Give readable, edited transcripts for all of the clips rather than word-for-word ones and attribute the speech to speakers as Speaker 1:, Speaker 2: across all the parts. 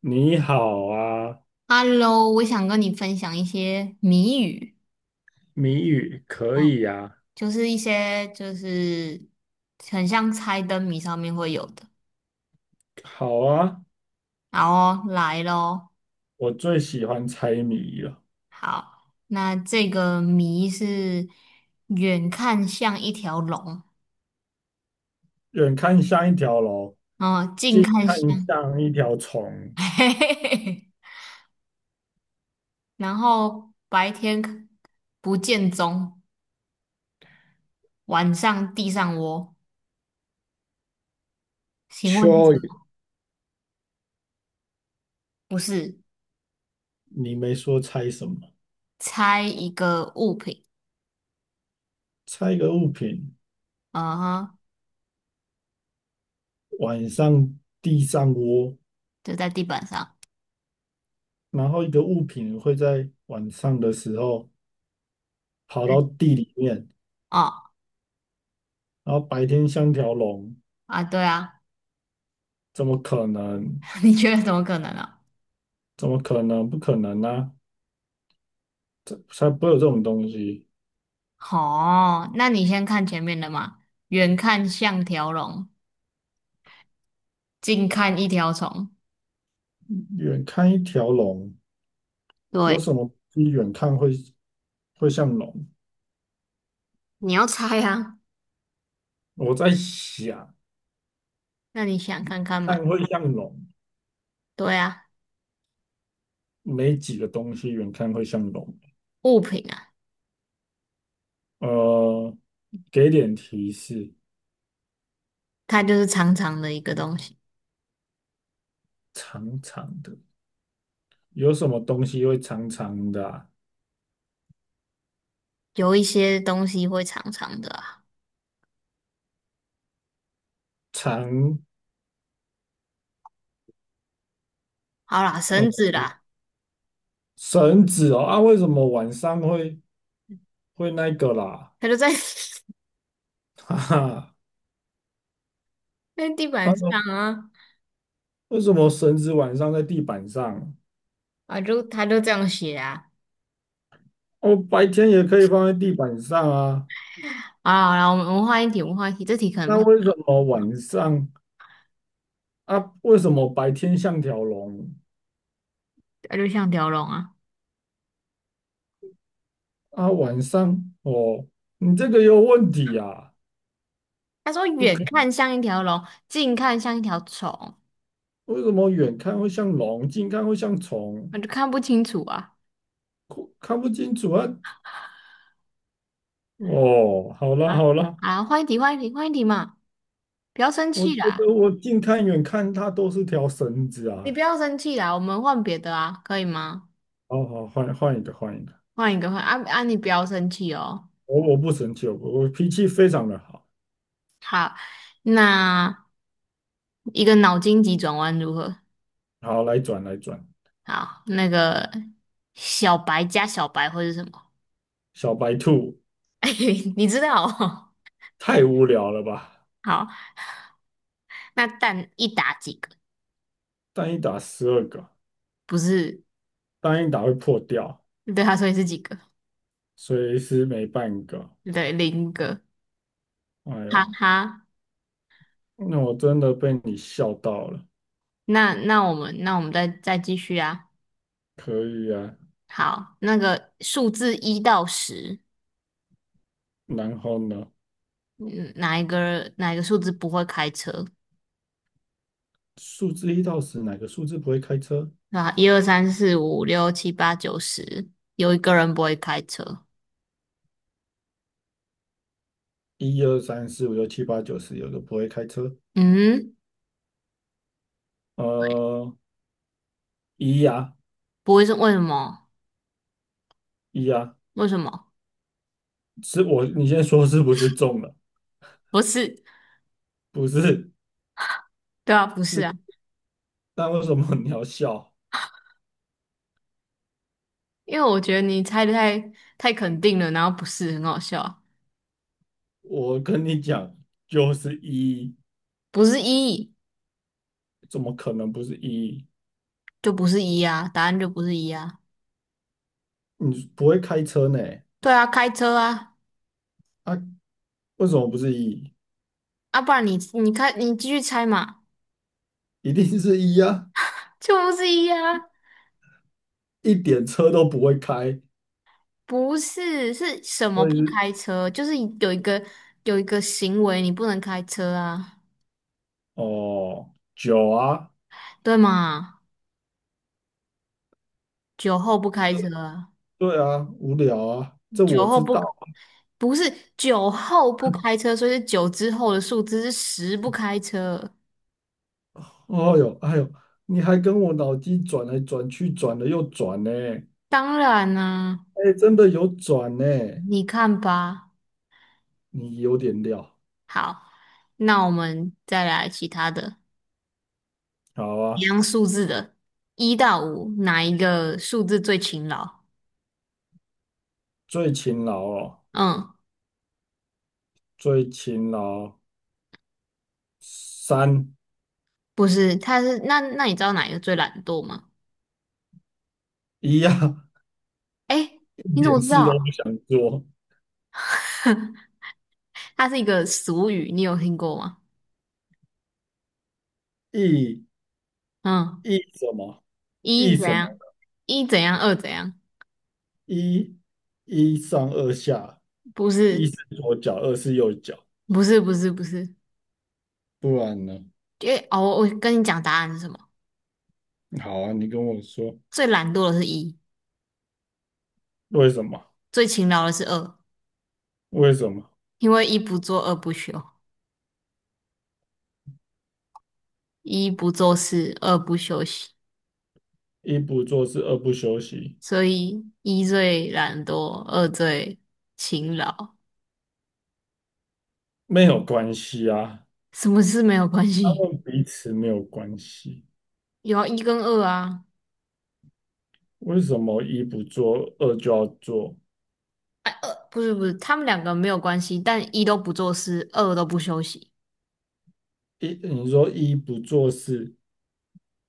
Speaker 1: 你好啊，
Speaker 2: Hello，我想跟你分享一些谜语，
Speaker 1: 谜语可
Speaker 2: 嗯，
Speaker 1: 以啊，
Speaker 2: 就是一些就是很像猜灯谜上面会有的。
Speaker 1: 好啊，
Speaker 2: 好哦，来咯。
Speaker 1: 我最喜欢猜谜了。
Speaker 2: 好，那这个谜是远看像一条龙，
Speaker 1: 远看像一条龙，
Speaker 2: 嗯，近
Speaker 1: 近
Speaker 2: 看
Speaker 1: 看
Speaker 2: 像，
Speaker 1: 像一条虫。
Speaker 2: 嘿嘿嘿，然后白天不见踪，晚上地上窝。请
Speaker 1: 蚯
Speaker 2: 问是什
Speaker 1: 蚓，
Speaker 2: 么？不是，
Speaker 1: 你没说猜什么？
Speaker 2: 猜一个物品，
Speaker 1: 猜一个物品，
Speaker 2: 嗯哼，
Speaker 1: 晚上地上窝，
Speaker 2: 就在地板上。
Speaker 1: 然后一个物品会在晚上的时候跑到地里面，
Speaker 2: 哦
Speaker 1: 然后白天像条龙，
Speaker 2: 啊，对啊，
Speaker 1: 怎么可能？
Speaker 2: 你觉得怎么可能呢、
Speaker 1: 怎么可能？不可能啊！才不会有这种东西。
Speaker 2: 哦，那你先看前面的嘛，远看像条龙，近看一条虫。
Speaker 1: 远看一条龙。有
Speaker 2: 对，
Speaker 1: 什么东西远看会像龙？
Speaker 2: 你要猜啊，
Speaker 1: 我在想，
Speaker 2: 那你想看看
Speaker 1: 看
Speaker 2: 嘛？
Speaker 1: 会像龙，
Speaker 2: 对啊，
Speaker 1: 没几个东西远看会像龙。
Speaker 2: 物品啊，
Speaker 1: 呃，给点提示，
Speaker 2: 它就是长长的一个东西，
Speaker 1: 长长的，有什么东西会长长的啊
Speaker 2: 有一些东西会长长的啊。
Speaker 1: 长，
Speaker 2: 好啦，
Speaker 1: 呃，
Speaker 2: 绳子啦，
Speaker 1: 绳子哦啊？为什么晚上会那个啦？
Speaker 2: 它就在
Speaker 1: 哈哈，
Speaker 2: 在地板
Speaker 1: 啊，
Speaker 2: 上啊，
Speaker 1: 为什么绳子晚上在地板上？
Speaker 2: 啊就它就这样写啊。
Speaker 1: 哦，白天也可以放在地板上啊。
Speaker 2: 啊，啦好啦，我们换一题，我们换一题，这题可能不
Speaker 1: 那
Speaker 2: 太，
Speaker 1: 为什么晚上？啊，为什么白天像条龙
Speaker 2: 它就像条龙啊。
Speaker 1: 啊，晚上哦，你这个有问题啊？
Speaker 2: 他说
Speaker 1: 不
Speaker 2: 远
Speaker 1: 可
Speaker 2: 看像一条龙，近看像一条虫，
Speaker 1: 能，为什么远看会像龙，近看会像虫？
Speaker 2: 我就看不清楚啊
Speaker 1: 看看不清楚啊。哦，好了
Speaker 2: 啊
Speaker 1: 好了，
Speaker 2: 啊！换一题，换一题，换一题嘛！不要生
Speaker 1: 我觉
Speaker 2: 气啦，
Speaker 1: 得我近看远看它都是条绳子
Speaker 2: 你不
Speaker 1: 啊。
Speaker 2: 要生气啦，我们换别的啊，可以吗？
Speaker 1: 好好，换一个换一个，
Speaker 2: 换一个，换啊啊！你不要生气哦。
Speaker 1: 我不生气，我脾气非常的好。
Speaker 2: 好，那一个脑筋急转弯如何？
Speaker 1: 好，来转来转，
Speaker 2: 好，那个小白加小白会是什么？
Speaker 1: 小白兔
Speaker 2: 你知道哦？
Speaker 1: 太无聊了吧？
Speaker 2: 好，那蛋一打几个？
Speaker 1: 单一打12个，
Speaker 2: 不是，
Speaker 1: 单一打会破掉，
Speaker 2: 对他说你是几个？
Speaker 1: 所以是每半个。
Speaker 2: 对，零个。
Speaker 1: 哎
Speaker 2: 哈
Speaker 1: 呦，
Speaker 2: 哈，
Speaker 1: 那我真的被你笑到了。
Speaker 2: 那我们再继续啊。
Speaker 1: 可以啊，
Speaker 2: 好，那个数字1到10，
Speaker 1: 然后呢？
Speaker 2: 嗯，哪一个数字不会开车？
Speaker 1: 数字1到10，哪个数字不会开车？
Speaker 2: 啊，一二三四五六七八九十，有一个人不会开车。
Speaker 1: 一二三四五六七八九十，有个不会开车。
Speaker 2: 嗯，
Speaker 1: 呃，一呀、
Speaker 2: 不会是为什么？
Speaker 1: 一呀、
Speaker 2: 为什么？
Speaker 1: 是我，你先说是不是中了？
Speaker 2: 不是，
Speaker 1: 不是，
Speaker 2: 对啊，不是
Speaker 1: 是，
Speaker 2: 啊，
Speaker 1: 那为什么你要笑？
Speaker 2: 因为我觉得你猜的太肯定了，然后不是很好笑啊，
Speaker 1: 我跟你讲，就是一，
Speaker 2: 不是一
Speaker 1: 怎么可能不是一？
Speaker 2: 就不是一啊，答案就不是一啊。
Speaker 1: 你不会开车呢？
Speaker 2: 对啊，开车啊，
Speaker 1: 啊，为什么不是一？
Speaker 2: 啊，不然你继续猜嘛。
Speaker 1: 一定是一呀、
Speaker 2: 就是呀，
Speaker 1: 一点车都不会开，
Speaker 2: 不是，是什么
Speaker 1: 所
Speaker 2: 不
Speaker 1: 以
Speaker 2: 开车？就是有一个行为你不能开车啊，
Speaker 1: 哦，酒啊，
Speaker 2: 对吗？酒后不开车啊
Speaker 1: 对啊，无聊啊，这
Speaker 2: 酒
Speaker 1: 我
Speaker 2: 后
Speaker 1: 知
Speaker 2: 不
Speaker 1: 道。
Speaker 2: 不是酒后不开车，所以是酒之后的数字是十不开车。
Speaker 1: 哦哟，哎呦，你还跟我脑筋转来转去，转了又转呢。
Speaker 2: 当然啦、
Speaker 1: 哎，真的有转呢，
Speaker 2: 你看吧。
Speaker 1: 你有点料。
Speaker 2: 好，那我们再来其他的，
Speaker 1: 好
Speaker 2: 一
Speaker 1: 啊，
Speaker 2: 样数字的，1到5，哪一个数字最勤劳？
Speaker 1: 最勤劳哦，
Speaker 2: 嗯。
Speaker 1: 最勤劳三
Speaker 2: 不是，他是那那你知道哪一个最懒惰吗？
Speaker 1: 一呀、
Speaker 2: 哎，
Speaker 1: 一
Speaker 2: 你怎
Speaker 1: 点
Speaker 2: 么知
Speaker 1: 事都不
Speaker 2: 道？
Speaker 1: 想做。
Speaker 2: 它是一个俗语，你有听过吗？
Speaker 1: 一
Speaker 2: 嗯，
Speaker 1: 什么？
Speaker 2: 一
Speaker 1: 一
Speaker 2: 怎
Speaker 1: 什么？
Speaker 2: 样，一怎样，二怎样？
Speaker 1: 一一上二下，
Speaker 2: 不
Speaker 1: 一
Speaker 2: 是，
Speaker 1: 是左脚，二是右脚，
Speaker 2: 不是，不是，不是，
Speaker 1: 不然呢？
Speaker 2: 因为哦，我跟你讲答案是什么？
Speaker 1: 好啊，你跟我说
Speaker 2: 最懒惰的是一，
Speaker 1: 为什么？
Speaker 2: 最勤劳的是二，
Speaker 1: 为什么
Speaker 2: 因为一不做二不休，一不做事二不休息，
Speaker 1: 一不做事二不休息
Speaker 2: 所以一最懒惰，二最勤劳，
Speaker 1: 没有关系啊？
Speaker 2: 什么事没有关
Speaker 1: 他
Speaker 2: 系？
Speaker 1: 们彼此没有关系。
Speaker 2: 有啊，一跟二啊。
Speaker 1: 为什么一不做二就要做？
Speaker 2: 不是不是，他们两个没有关系，但一都不做事，二都不休息。
Speaker 1: 一你说一不做事，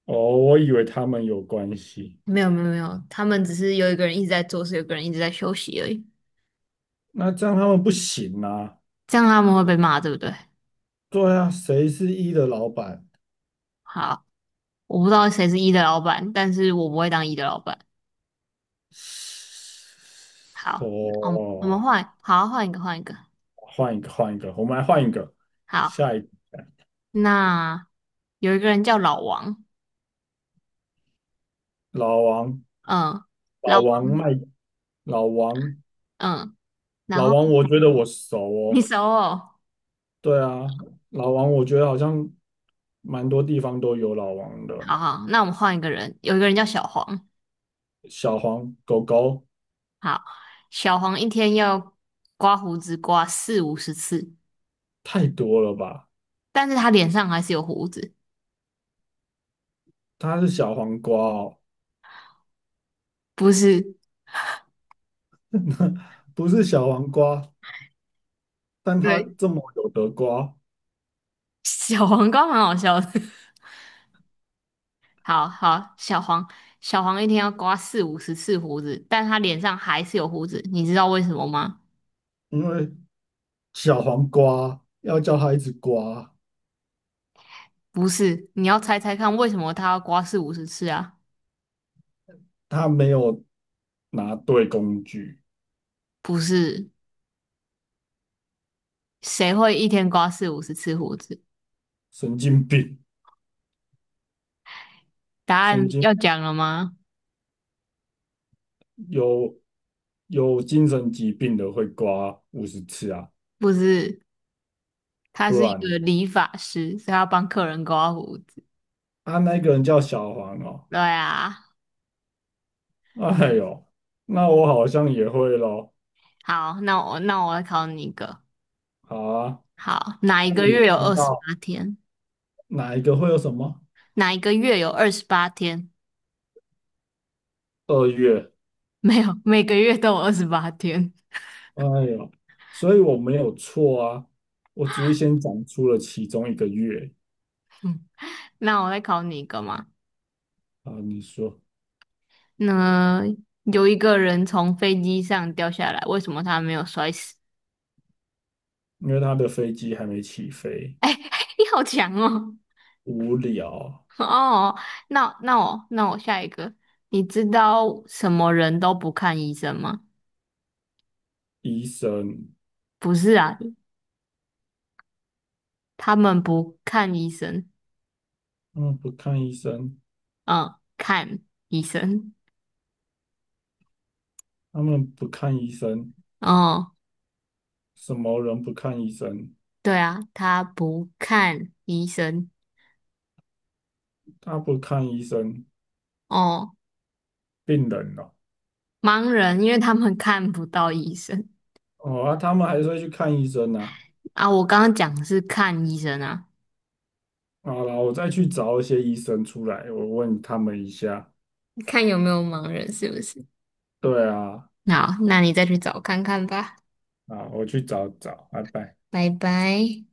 Speaker 1: 哦，我以为他们有关系，
Speaker 2: 没有没有没有，他们只是有一个人一直在做事，有一个人一直在休息而已。
Speaker 1: 那这样他们不行啊。
Speaker 2: 这样他们会被骂，对不对？
Speaker 1: 对啊，谁是一的老板？
Speaker 2: 好，我不知道谁是一的老板，但是我不会当一的老板。好，我们
Speaker 1: 哦，
Speaker 2: 换，好，换一个，换一个。
Speaker 1: 换一个，换一个，我们来换一个。
Speaker 2: 好，
Speaker 1: 下一个
Speaker 2: 那有一个人叫老王，
Speaker 1: 老王，
Speaker 2: 嗯，老
Speaker 1: 老
Speaker 2: 王，
Speaker 1: 王卖，老王
Speaker 2: 嗯，然
Speaker 1: 老
Speaker 2: 后
Speaker 1: 王，我觉得我熟
Speaker 2: 你
Speaker 1: 哦。
Speaker 2: 熟哦，
Speaker 1: 对啊，老王，我觉得好像蛮多地方都有老王的。
Speaker 2: 好好，那我们换一个人，有一个人叫小黄，
Speaker 1: 小黄狗狗
Speaker 2: 好，小黄一天要刮胡子刮四五十次，
Speaker 1: 太多了吧？
Speaker 2: 但是他脸上还是有胡子，
Speaker 1: 它是小黄瓜哦，
Speaker 2: 不是
Speaker 1: 不是小黄瓜，但它
Speaker 2: 对，
Speaker 1: 这么有得瓜，
Speaker 2: 小黄刮蛮好笑的。好好，小黄一天要刮四五十次胡子，但他脸上还是有胡子，你知道为什么吗？
Speaker 1: 因为小黄瓜要叫它一直刮，
Speaker 2: 不是，你要猜猜看为什么他要刮四五十次啊？
Speaker 1: 它没有拿对工具，
Speaker 2: 不是，谁会一天刮四五十次胡子？
Speaker 1: 神经病，
Speaker 2: 答案
Speaker 1: 神经
Speaker 2: 要讲了吗？
Speaker 1: 有有精神疾病的会刮50次啊，
Speaker 2: 不是，他
Speaker 1: 不
Speaker 2: 是一
Speaker 1: 然。
Speaker 2: 个理发师，所以他要帮客人刮胡子。
Speaker 1: 啊，那个人叫小黄哦。
Speaker 2: 对啊，
Speaker 1: 哎呦，那我好像也会咯。
Speaker 2: 好，那我来考你一个。
Speaker 1: 好啊，
Speaker 2: 好，哪一
Speaker 1: 那
Speaker 2: 个
Speaker 1: 你
Speaker 2: 月有
Speaker 1: 知
Speaker 2: 二十
Speaker 1: 道
Speaker 2: 八天？
Speaker 1: 哪一个会有什么？
Speaker 2: 哪一个月有二十八天？
Speaker 1: 2月。
Speaker 2: 没有，每个月都有二十八天。
Speaker 1: 哎呦，所以我没有错啊，我只是先讲出了其中一个月
Speaker 2: 那我再考你一个嘛。
Speaker 1: 啊。你说，
Speaker 2: 那有一个人从飞机上掉下来，为什么他没有摔死？
Speaker 1: 因为他的飞机还没起飞。
Speaker 2: 哎、你好强哦！
Speaker 1: 无聊，
Speaker 2: 哦，那我下一个，你知道什么人都不看医生吗？
Speaker 1: 医生，
Speaker 2: 不是啊，他们不看医生，
Speaker 1: 他们不看医生，
Speaker 2: 嗯，看医生。
Speaker 1: 他们不看医生，
Speaker 2: 哦，
Speaker 1: 什么人不看医生？
Speaker 2: 对啊，他不看医生。
Speaker 1: 他不看医生，
Speaker 2: 哦，
Speaker 1: 病人哦。
Speaker 2: 盲人，因为他们看不到医生
Speaker 1: 哦啊，他们还是会去看医生呢、
Speaker 2: 啊。我刚刚讲的是看医生啊，
Speaker 1: 好了，我再去找一些医生出来，我问他们一下。
Speaker 2: 看有没有盲人是不是？
Speaker 1: 对啊，
Speaker 2: 好，那你再去找看看吧。
Speaker 1: 啊，我去找找，拜拜。
Speaker 2: 拜拜。